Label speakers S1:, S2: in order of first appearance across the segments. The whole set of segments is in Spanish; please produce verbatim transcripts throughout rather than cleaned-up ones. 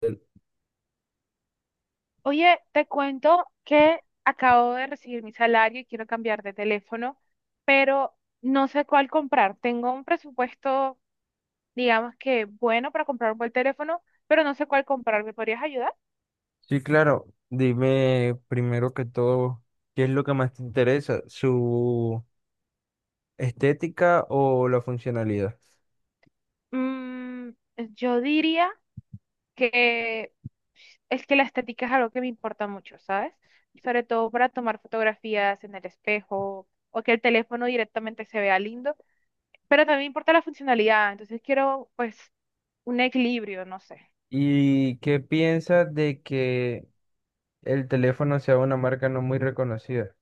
S1: Sí,
S2: Oye, te cuento que acabo de recibir mi salario y quiero cambiar de teléfono, pero no sé cuál comprar. Tengo un presupuesto, digamos que bueno para comprar un buen teléfono, pero no sé cuál comprar. ¿Me podrías ayudar?
S1: claro. Dime primero que todo, ¿qué es lo que más te interesa? ¿Su estética o la funcionalidad?
S2: Mm, yo diría que es que la estética es algo que me importa mucho, ¿sabes? Sobre todo para tomar fotografías en el espejo o que el teléfono directamente se vea lindo, pero también importa la funcionalidad, entonces quiero pues un equilibrio, no sé.
S1: ¿Y qué piensas de que el teléfono sea una marca no muy reconocida?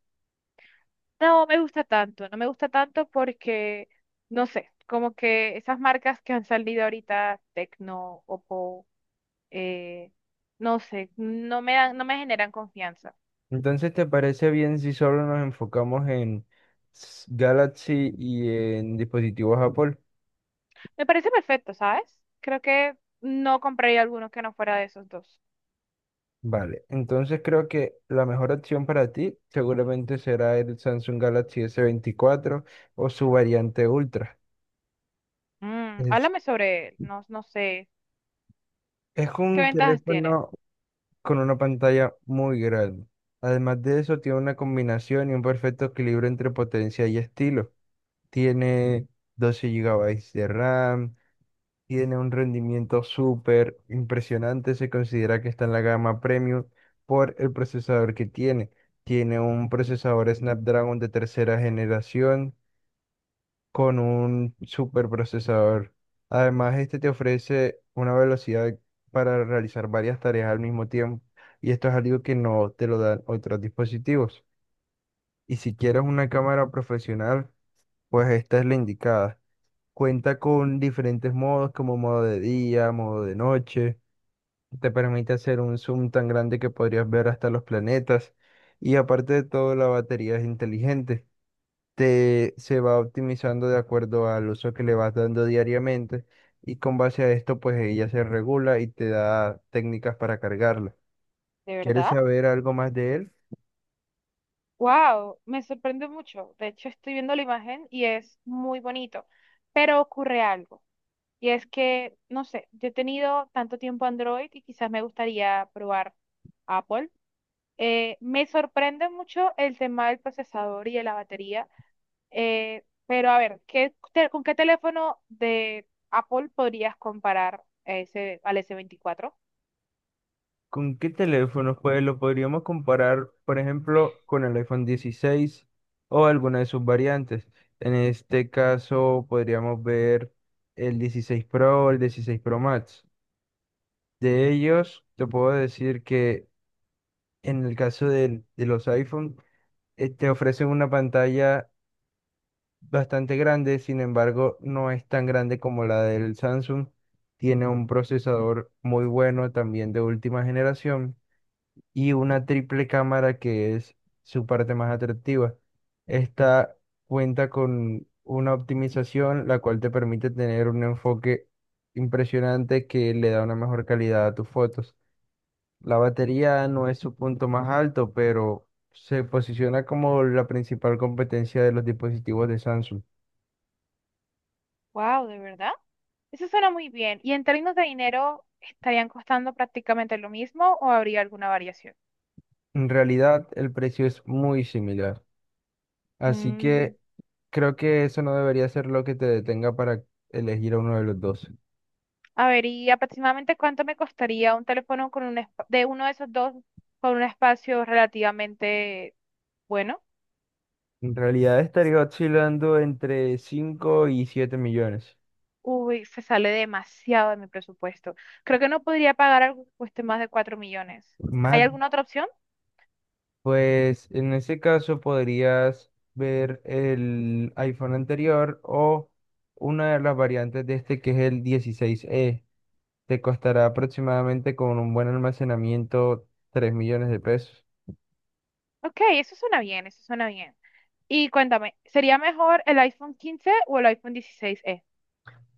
S2: No me gusta tanto, no me gusta tanto porque, no sé, como que esas marcas que han salido ahorita, Tecno, Oppo, eh, no sé, no me dan, no me generan confianza.
S1: Entonces, ¿te parece bien si solo nos enfocamos en s- Galaxy y en dispositivos Apple?
S2: Me parece perfecto, ¿sabes? Creo que no compraría alguno que no fuera de esos dos.
S1: Vale, entonces creo que la mejor opción para ti seguramente será el Samsung Galaxy s veinticuatro o su variante Ultra.
S2: Mm, háblame sobre él, no, no sé,
S1: Es
S2: ¿qué
S1: un
S2: ventajas tiene?
S1: teléfono con una pantalla muy grande. Además de eso, tiene una combinación y un perfecto equilibrio entre potencia y estilo. Tiene doce gigabytes de RAM, tiene un rendimiento súper impresionante. Se considera que está en la gama premium por el procesador que tiene. Tiene un procesador Snapdragon de tercera generación con un superprocesador. Además, este te ofrece una velocidad para realizar varias tareas al mismo tiempo y esto es algo que no te lo dan otros dispositivos. Y si quieres una cámara profesional, pues esta es la indicada. Cuenta con diferentes modos como modo de día, modo de noche. Te permite hacer un zoom tan grande que podrías ver hasta los planetas. Y aparte de todo, la batería es inteligente te, se va optimizando de acuerdo al uso que le vas dando diariamente y con base a esto pues ella se regula y te da técnicas para cargarla.
S2: ¿De
S1: ¿Quieres
S2: verdad?
S1: saber algo más de él?
S2: Wow, me sorprende mucho. De hecho, estoy viendo la imagen y es muy bonito, pero ocurre algo. Y es que, no sé, yo he tenido tanto tiempo Android y quizás me gustaría probar Apple. Eh, me sorprende mucho el tema del procesador y de la batería, eh, pero a ver, ¿qué te- ¿con qué teléfono de Apple podrías comparar ese, al ese veinticuatro?
S1: ¿Con qué teléfonos? Pues lo podríamos comparar, por ejemplo, con el iPhone dieciséis o alguna de sus variantes. En este caso podríamos ver el dieciséis Pro o el dieciséis Pro Max. De ellos, te puedo decir que en el caso del- de los iPhone, eh, te ofrecen una pantalla bastante grande, sin embargo, no es tan grande como la del Samsung. Tiene un procesador muy bueno, también de última generación, y una triple cámara que es su parte más atractiva. Esta cuenta con una optimización, la cual te permite tener un enfoque impresionante que le da una mejor calidad a tus fotos. La batería no es su punto más alto, pero se posiciona como la principal competencia de los dispositivos de Samsung.
S2: Wow, ¿de verdad? Eso suena muy bien. ¿Y en términos de dinero, estarían costando prácticamente lo mismo o habría alguna variación?
S1: En realidad, el precio es muy similar, así
S2: Mm.
S1: que creo que eso no debería ser lo que te detenga para elegir a uno de los dos.
S2: A ver, ¿y aproximadamente cuánto me costaría un teléfono con un espa- de uno de esos dos con un espacio relativamente bueno?
S1: En realidad estaría oscilando entre cinco y siete millones.
S2: Uy, se sale demasiado de mi presupuesto. Creo que no podría pagar algo que cueste más de cuatro millones. ¿Hay
S1: Más
S2: alguna otra opción?
S1: Pues en ese caso podrías ver el iPhone anterior o una de las variantes de este que es el dieciséis e. Te costará aproximadamente con un buen almacenamiento tres millones de pesos.
S2: Ok, eso suena bien, eso suena bien. Y cuéntame, ¿sería mejor el iPhone quince o el iPhone dieciséis e?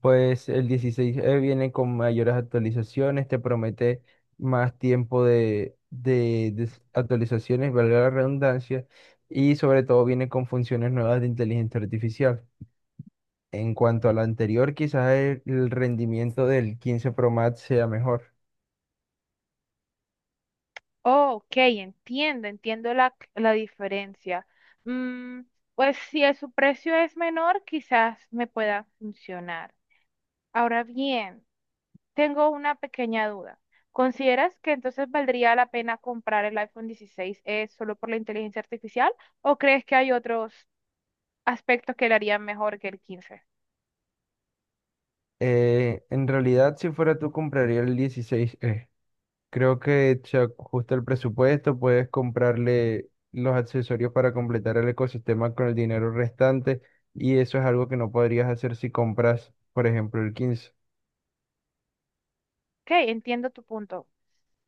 S1: Pues el dieciséis e viene con mayores actualizaciones, te promete más tiempo de, de de s- actualizaciones, valga la redundancia, y sobre todo viene con funciones nuevas de inteligencia artificial. En cuanto a lo anterior, quizás el, el rendimiento del quince Pro Max sea mejor.
S2: Oh, ok, entiendo, entiendo la, la diferencia. Mm, pues si el- su precio es menor, quizás me pueda funcionar. Ahora bien, tengo una pequeña duda. ¿Consideras que entonces valdría la pena comprar el iPhone dieciséis e solo por la inteligencia artificial o crees que hay otros aspectos que le harían mejor que el quince?
S1: Eh, en realidad, si fuera tú, compraría el dieciséis e Creo que se ajusta el presupuesto, puedes comprarle los accesorios para completar el ecosistema con el dinero restante y eso es algo que no podrías hacer si compras, por ejemplo, el quince.
S2: Ok, entiendo tu punto.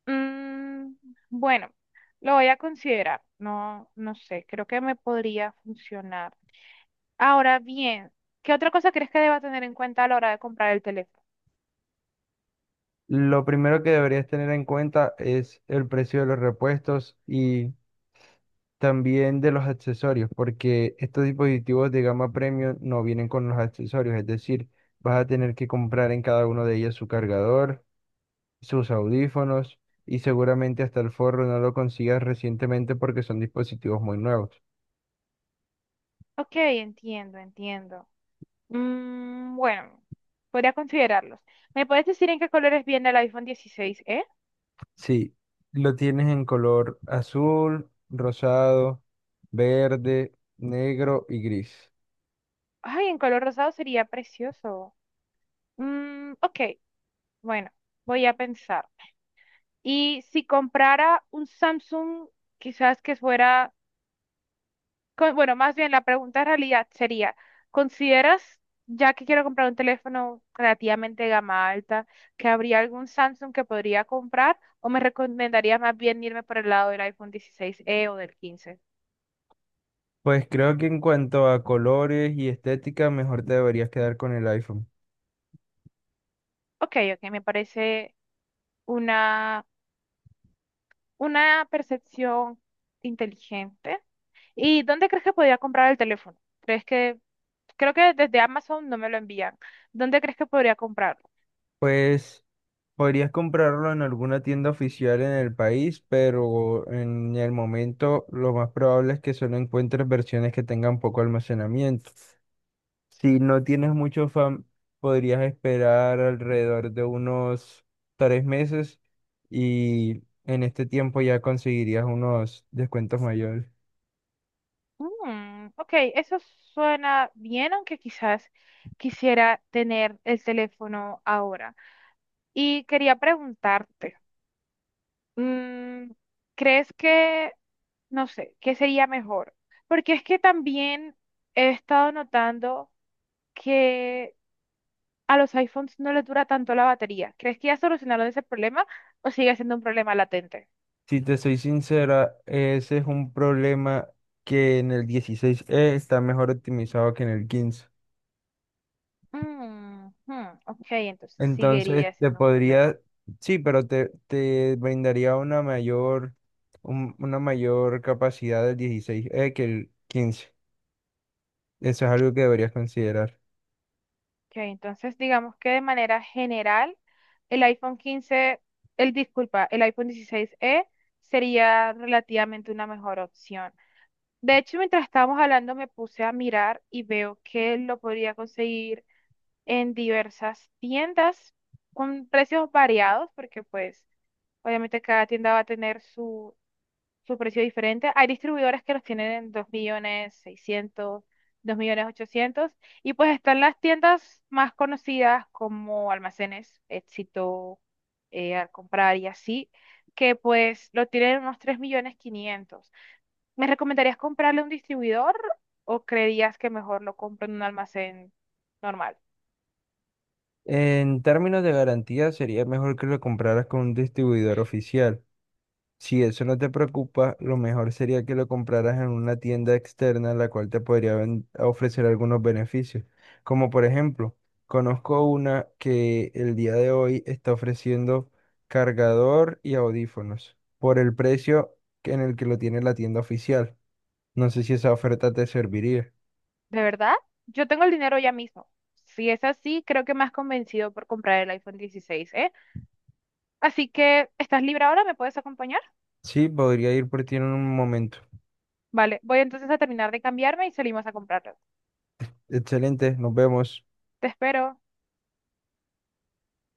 S2: Mm, bueno, lo voy a considerar. No, no sé, creo que me podría funcionar. Ahora bien, ¿qué otra cosa crees que deba tener en cuenta a la hora de comprar el teléfono?
S1: Lo primero que deberías tener en cuenta es el precio de los repuestos y también de los accesorios, porque estos dispositivos de gama premium no vienen con los accesorios, es decir, vas a tener que comprar en cada uno de ellos su cargador, sus audífonos y seguramente hasta el forro no lo consigas recientemente porque son dispositivos muy nuevos.
S2: Ok, entiendo, entiendo. Mm, bueno, podría considerarlos. ¿Me puedes decir en qué colores viene el iPhone dieciséis eh?
S1: Sí, lo tienes en color azul, rosado, verde, negro y gris.
S2: Ay, en color rosado sería precioso. Mm, ok, bueno, voy a pensar. Y si comprara un Samsung, quizás que fuera, con- bueno, más bien la pregunta en realidad sería, ¿consideras, ya que quiero comprar un teléfono relativamente de gama alta, que habría algún Samsung que podría comprar o me recomendarías más bien irme por el lado del iPhone dieciséis e o del quince?
S1: Pues creo que en cuanto a colores y estética, mejor te deberías quedar con el iPhone.
S2: Ok, ok, me parece una, una percepción inteligente. ¿Y dónde crees que podría comprar el teléfono? ¿Crees que, creo que desde Amazon no me lo envían? ¿Dónde crees que podría comprarlo?
S1: Pues podrías comprarlo en alguna tienda oficial en el país, pero en el momento lo más probable es que solo encuentres versiones que tengan poco almacenamiento. Si no tienes mucho fan, podrías esperar alrededor de unos tres meses y en este tiempo ya conseguirías unos descuentos mayores.
S2: Mm, ok, eso suena bien, aunque quizás quisiera tener el teléfono ahora. Y quería preguntarte, mm, ¿crees que, no sé, qué sería mejor? Porque es que también he estado notando que a los iPhones no les dura tanto la batería. ¿Crees que ya solucionaron ese problema o sigue siendo un problema latente?
S1: Si te soy sincera, ese es un problema que en el dieciséis e está mejor optimizado que en el quince.
S2: Mm, hmm, ok, entonces
S1: Entonces
S2: seguiría
S1: te
S2: siendo un problema.
S1: podría, sí, pero te, te brindaría una mayor, un- una mayor capacidad del dieciséis e, que el quince. Eso es algo que deberías considerar.
S2: Ok, entonces digamos que de manera general, el iPhone quince, el disculpa, el iPhone dieciséis e sería relativamente una mejor opción. De hecho, mientras estábamos hablando, me puse a mirar y veo que lo podría conseguir en diversas tiendas con precios variados, porque pues obviamente cada tienda va a tener su, su precio diferente. Hay distribuidores que los tienen en dos millones seiscientos, dos millones ochocientos, y pues están las tiendas más conocidas como Almacenes, Éxito, eh, al comprar y así, que pues lo tienen en unos tres millones quinientos. ¿Me recomendarías comprarle a un distribuidor o creerías que mejor lo compro en un almacén normal?
S1: En términos de garantía, sería mejor que lo compraras con un distribuidor oficial. Si eso no te preocupa, lo mejor sería que lo compraras en una tienda externa, la cual te podría ven- ofrecer algunos beneficios. Como por ejemplo, conozco una que el día de hoy está ofreciendo cargador y audífonos por el precio que- en el que lo tiene la tienda oficial. No sé si esa oferta te serviría.
S2: ¿De verdad? Yo tengo el dinero ya mismo. Si es así, creo que me has convencido por comprar el iPhone dieciséis, ¿eh? Así que, ¿estás libre ahora? ¿Me puedes acompañar?
S1: Sí, podría ir por ti en un momento.
S2: Vale, voy entonces a terminar de cambiarme y salimos a comprarlo.
S1: Excelente, nos vemos.
S2: Te espero.